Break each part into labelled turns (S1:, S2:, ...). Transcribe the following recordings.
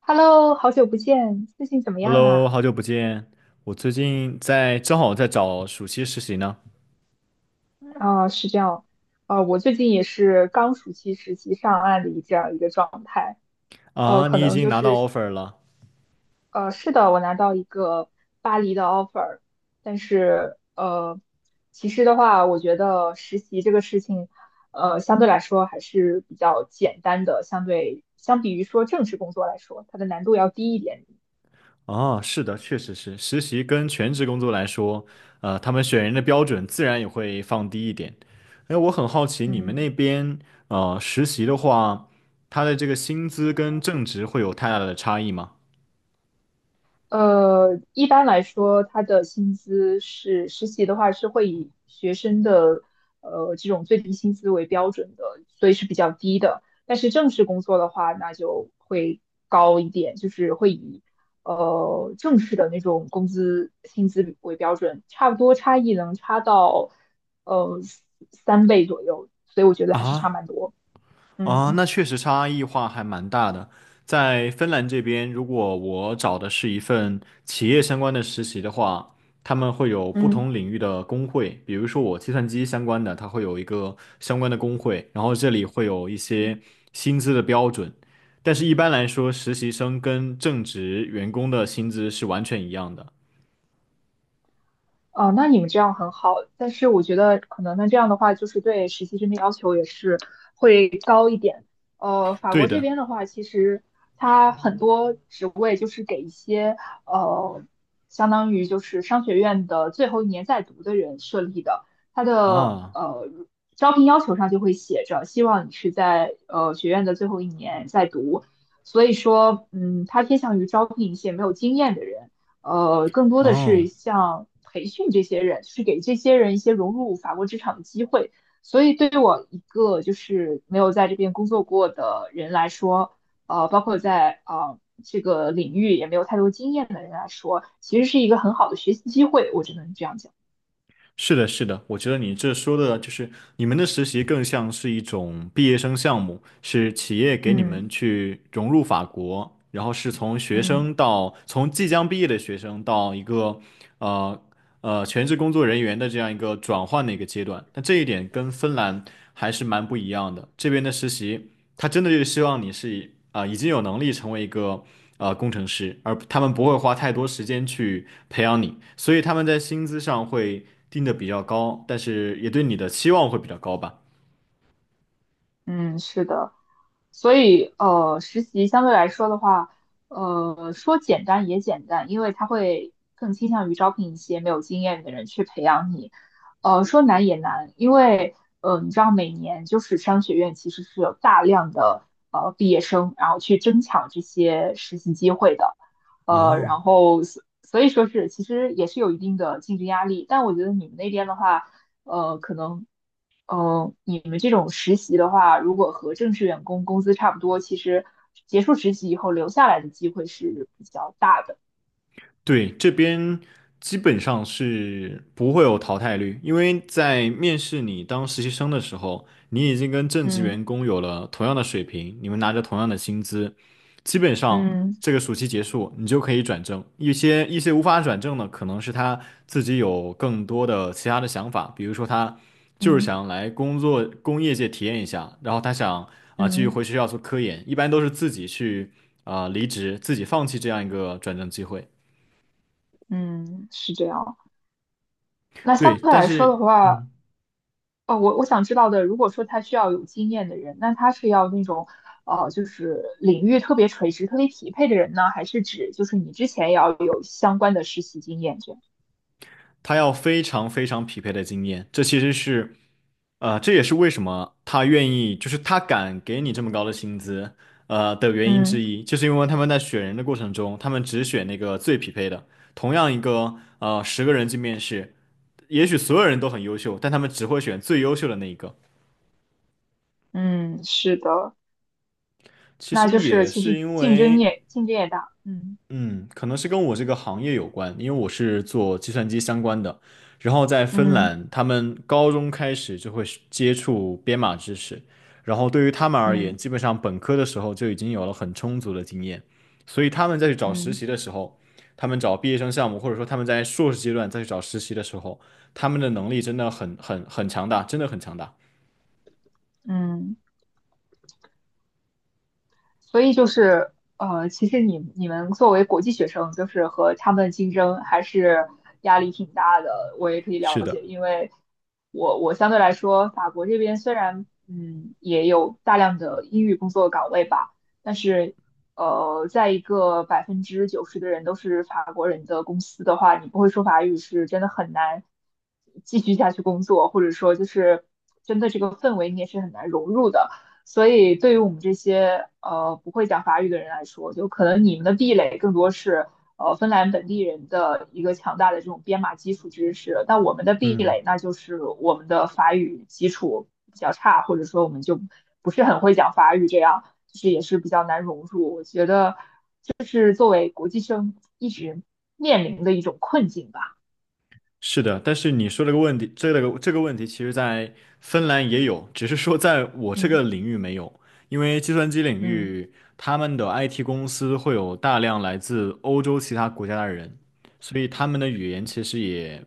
S1: Hello,好久不见，最近怎么样
S2: Hello，
S1: 啊？
S2: 好久不见。我最近正好在找暑期实习呢。
S1: 啊、是这样，我最近也是刚暑期实习上岸的一这样一个状态，呃，
S2: 啊，
S1: 可
S2: 你已
S1: 能
S2: 经
S1: 就
S2: 拿
S1: 是，
S2: 到 offer 了？
S1: 呃，是的，我拿到一个巴黎的 offer,但是,其实的话，我觉得实习这个事情，相对来说还是比较简单的，相比于说正式工作来说，它的难度要低一点，
S2: 啊，是的，确实是。实习跟全职工作来说，他们选人的标准自然也会放低一点。哎，我很好奇你们那
S1: 嗯。
S2: 边，实习的话，他的这个薪资跟正职会有太大的差异吗？
S1: 一般来说，他的薪资是实习的话是会以学生的这种最低薪资为标准的，所以是比较低的。但是正式工作的话，那就会高一点，就是会以正式的那种工资薪资为标准，差不多差异能差到呃三倍左右，所以我觉得还是差
S2: 啊？
S1: 蛮多。
S2: 啊，
S1: 嗯
S2: 那确实差异化还蛮大的。在芬兰这边，如果我找的是一份企业相关的实习的话，他们会有不
S1: 嗯。
S2: 同领域的工会，比如说我计算机相关的，它会有一个相关的工会，然后这里会有一些薪资的标准，但是一般来说，实习生跟正职员工的薪资是完全一样的。
S1: 哦，那你们这样很好，但是我觉得可能那这样的话，就是对实习生的要求也是，点法
S2: 对
S1: 国这
S2: 的，
S1: 边的话，其实它很多职位就是给一些呃，相当于就是商学院的最后一年在读的人设立的，它的
S2: 啊，
S1: 招聘要求上就会写着，希望你是在学院的最后一年在读，所以说，嗯，它偏向于招聘一些没有经验的人，更多的
S2: 哦。
S1: 是像培训这些人，就是给这些人一些融入法国职场的机会。所以对于我一个就是没有在这边工作过的人来说，包括在这个领域也没有太多经验的人来说，其实是一个很好的学习机会，我只能这样讲。
S2: 是的，是的，我觉得你这说的就是你们的实习更像是一种毕业生项目，是企业给你们
S1: 嗯
S2: 去融入法国，然后是从学
S1: 嗯，
S2: 生到从即将毕业的学生到一个呃全职工作人员的这样一个转换的一个阶段。那这一点跟芬兰还是蛮不一样的。这边的实习他真的就是希望你是已经有能力成为一个工程师，而他们不会花太多时间去培养你，所以他们在薪资上会定的比较高，但是也对你的期望会比较高吧。
S1: 嗯，是的，所以实习相对来说的话，说简单也简单，因为它会更倾向于招聘一些没有经验的人去培养你。说难也难，因为你知道每年就是商学院其实是有大量的毕业生，然后去争抢这些实习机会的，
S2: 哦。
S1: 然后所以说是其实也是有一定的竞争压力，但我觉得你们那边的话。呃，可能嗯，你们这种实习的话，如果和正式员工工资差不多，其实结束实习以后留下来的机会是比较大的。
S2: 对，这边基本上是不会有淘汰率，因为在面试你当实习生的时候，你已经跟正职
S1: 嗯
S2: 员工有了同样的水平，你们拿着同样的薪资，基本上
S1: 嗯
S2: 这个暑期结束，你就可以转正。一些无法转正的，可能是他自己有更多的其他的想法，比如说他就是
S1: 嗯
S2: 想来工业界体验一下，然后他想继续回
S1: 嗯
S2: 学校做科研，一般都是自己去离职，自己放弃这样一个转正机会。
S1: 嗯，是这样。那
S2: 对，
S1: 相对
S2: 但
S1: 来说的
S2: 是
S1: 话，哦，我想知道的，如果说他需要有经验的人，那他是要那种，就是领域特别垂直、特别匹配的人呢，还是指就是你之前也要有相关的实习经验这样？
S2: 他要非常非常匹配的经验，这也是为什么他愿意，就是他敢给你这么高的薪资，的原因之
S1: 嗯
S2: 一，就是因为他们在选人的过程中，他们只选那个最匹配的。同样10个人去面试，也许所有人都很优秀，但他们只会选最优秀的那一个。
S1: 嗯，是的。
S2: 其
S1: 那
S2: 实
S1: 就是
S2: 也
S1: 其
S2: 是
S1: 实
S2: 因为。
S1: 竞争也大，嗯
S2: 嗯，可能是跟我这个行业有关，因为我是做计算机相关的。然后在芬
S1: 嗯
S2: 兰，他们高中开始就会是接触编码知识，然后对于他们而言，
S1: 嗯
S2: 基本上本科的时候就已经有了很充足的经验，所以他们再去找实
S1: 嗯
S2: 习的时候，他们找毕业生项目，或者说他们在硕士阶段再去找实习的时候，他们的能力真的很强大，真的很强大。
S1: 嗯，所以就是其实你们作为国际学生，就是和他们竞争还是压力挺大的。我也可以
S2: 是
S1: 了
S2: 的，
S1: 解，因为我相对来说，法国这边虽然也有大量的英语工作岗位吧，但是在一个百分之九十的人都是法国人的公司的话，你不会说法语是真的很难继续下去工作，或者说就是真的这个氛围你也是很难融入的。所以对于我们这些不会讲法语的人来说，就可能你们的壁垒更多是芬兰本地人的一个强大的这种编码基础知识，但我们的壁
S2: 嗯。
S1: 垒那就是我们的法语基础比较差，或者说我们就不是很会讲法语，这样就是也是比较难融入。我觉得这是作为国际生一直面临的一种困境吧。
S2: 是的，但是你说这个问题，这个问题，其实在芬兰也有，只是说在我这
S1: 嗯
S2: 个领域没有，因为计算机领
S1: 嗯，
S2: 域他们的 IT 公司会有大量来自欧洲其他国家的人，所以他们的语言其实也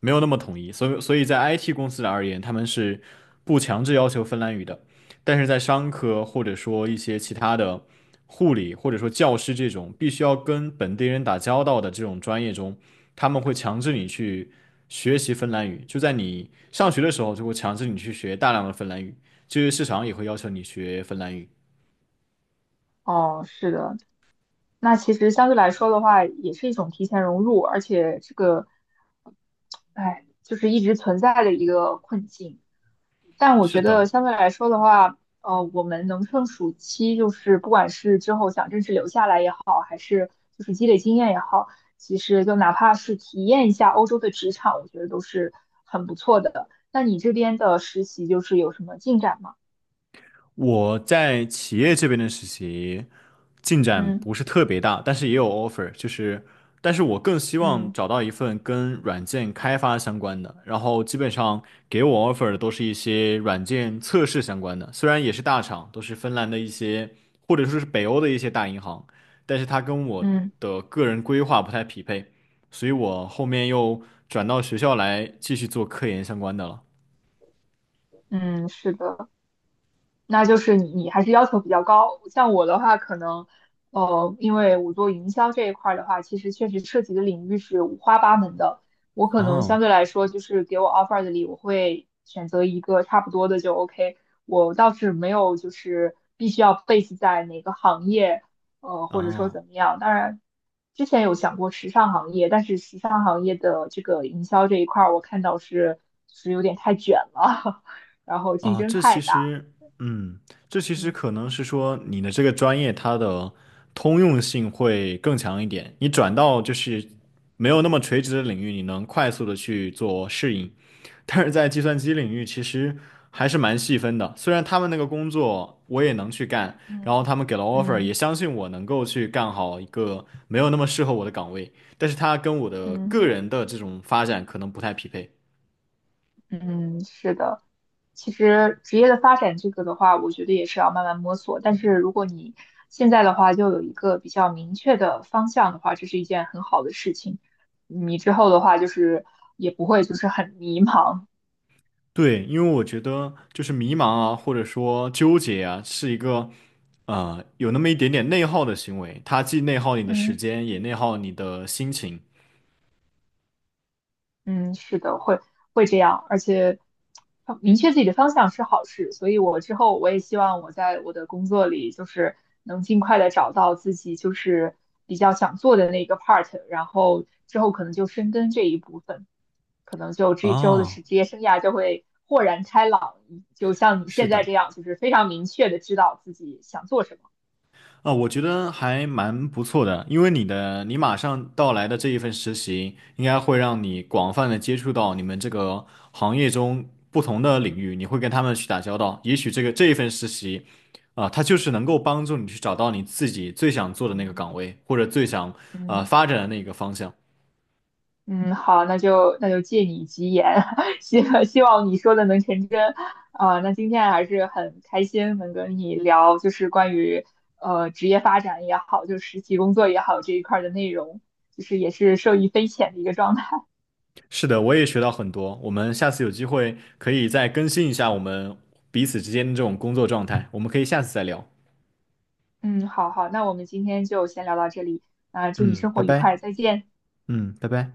S2: 没有那么统一，所以在 IT 公司而言，他们是不强制要求芬兰语的，但是在商科或者说一些其他的护理或者说教师这种必须要跟本地人打交道的这种专业中。他们会强制你去学习芬兰语，就在你上学的时候就会强制你去学大量的芬兰语，就业市场也会要求你学芬兰语。
S1: 哦，是的。那其实相对来说的话，也是一种提前融入，而且这个哎，就是一直存在的一个困境。但我
S2: 是
S1: 觉得
S2: 的，
S1: 相对来说的话，我们能趁暑期，就是不管是之后想正式留下来也好，还是就是积累经验也好，其实就哪怕是体验一下欧洲的职场，我觉得都是很不错的。那你这边的实习就是有什么进展吗？
S2: 我在企业这边的实习进展
S1: 嗯
S2: 不是特别大，但是也有 offer，就是，但是我更希望
S1: 嗯
S2: 找到一份跟软件开发相关的，然后基本上给我 offer 的都是一些软件测试相关的，虽然也是大厂，都是芬兰的一些或者说是北欧的一些大银行，但是它跟我
S1: 嗯
S2: 的个人规划不太匹配，所以我后面又转到学校来继续做科研相关的了。
S1: 嗯，是的。那就是你还是要求比较高。像我的话，可能因为我做营销这一块儿的话，其实确实涉及的领域是五花八门的。我可能
S2: 哦
S1: 相对来说，就是给我 offer 的里，我会选择一个差不多的就 OK。我倒是没有就是必须要 base 在哪个行业，或者说
S2: 哦。
S1: 怎么样。当然，之前有想过时尚行业，但是时尚行业的这个营销这一块儿，我看到是有点太卷了，然后竞
S2: 啊，
S1: 争太大。
S2: 嗯，这其实
S1: 嗯。
S2: 可能是说你的这个专业它的通用性会更强一点，你转到就是没有那么垂直的领域，你能快速的去做适应。但是在计算机领域，其实还是蛮细分的。虽然他们那个工作我也能去干，然后
S1: 嗯
S2: 他们给了 offer，也
S1: 嗯
S2: 相信我能够去干好一个没有那么适合我的岗位，但是它跟我的个
S1: 嗯
S2: 人的这种发展可能不太匹配。
S1: 嗯，是的。其实职业的发展这个的话，我觉得也是要慢慢摸索。但是如果你现在的话就有一个比较明确的方向的话，这是一件很好的事情。你之后的话就是也不会就是很迷茫。
S2: 对，因为我觉得就是迷茫啊，或者说纠结啊，是一个有那么一点点内耗的行为，它既内耗你的时
S1: 嗯。
S2: 间，也内耗你的心情。
S1: 嗯，是的，会这样，而且明确自己的方向是好事，所以我之后我也希望我在我的工作里就是能尽快的找到自己就是比较想做的那个 part,然后之后可能就深耕这一部分，可能就这之后的
S2: 哦，
S1: 职业生涯就会豁然开朗，就像你
S2: 是
S1: 现在
S2: 的，
S1: 这样，就是非常明确的知道自己想做什么。
S2: 啊，我觉得还蛮不错的，因为你马上到来的这一份实习，应该会让你广泛的接触到你们这个行业中不同的领域，你会跟他们去打交道。也许这一份实习，啊，它就是能够帮助你去找到你自己最想做的那个
S1: 嗯
S2: 岗位，或者最想
S1: 嗯。
S2: 发展的那个方向。
S1: 嗯，好，那就借你吉言，希望你说的能成真。啊、那今天还是很开心能跟你聊，就是关于职业发展也好，就实习工作也好这一块儿的内容，就是也是受益匪浅的一个状态。
S2: 是的，我也学到很多。我们下次有机会可以再更新一下我们彼此之间的这种工作状态，我们可以下次再聊。
S1: 嗯，好好，那我们今天就先聊到这里，啊、祝你
S2: 嗯，
S1: 生
S2: 拜
S1: 活愉
S2: 拜。
S1: 快，再见。
S2: 嗯，拜拜。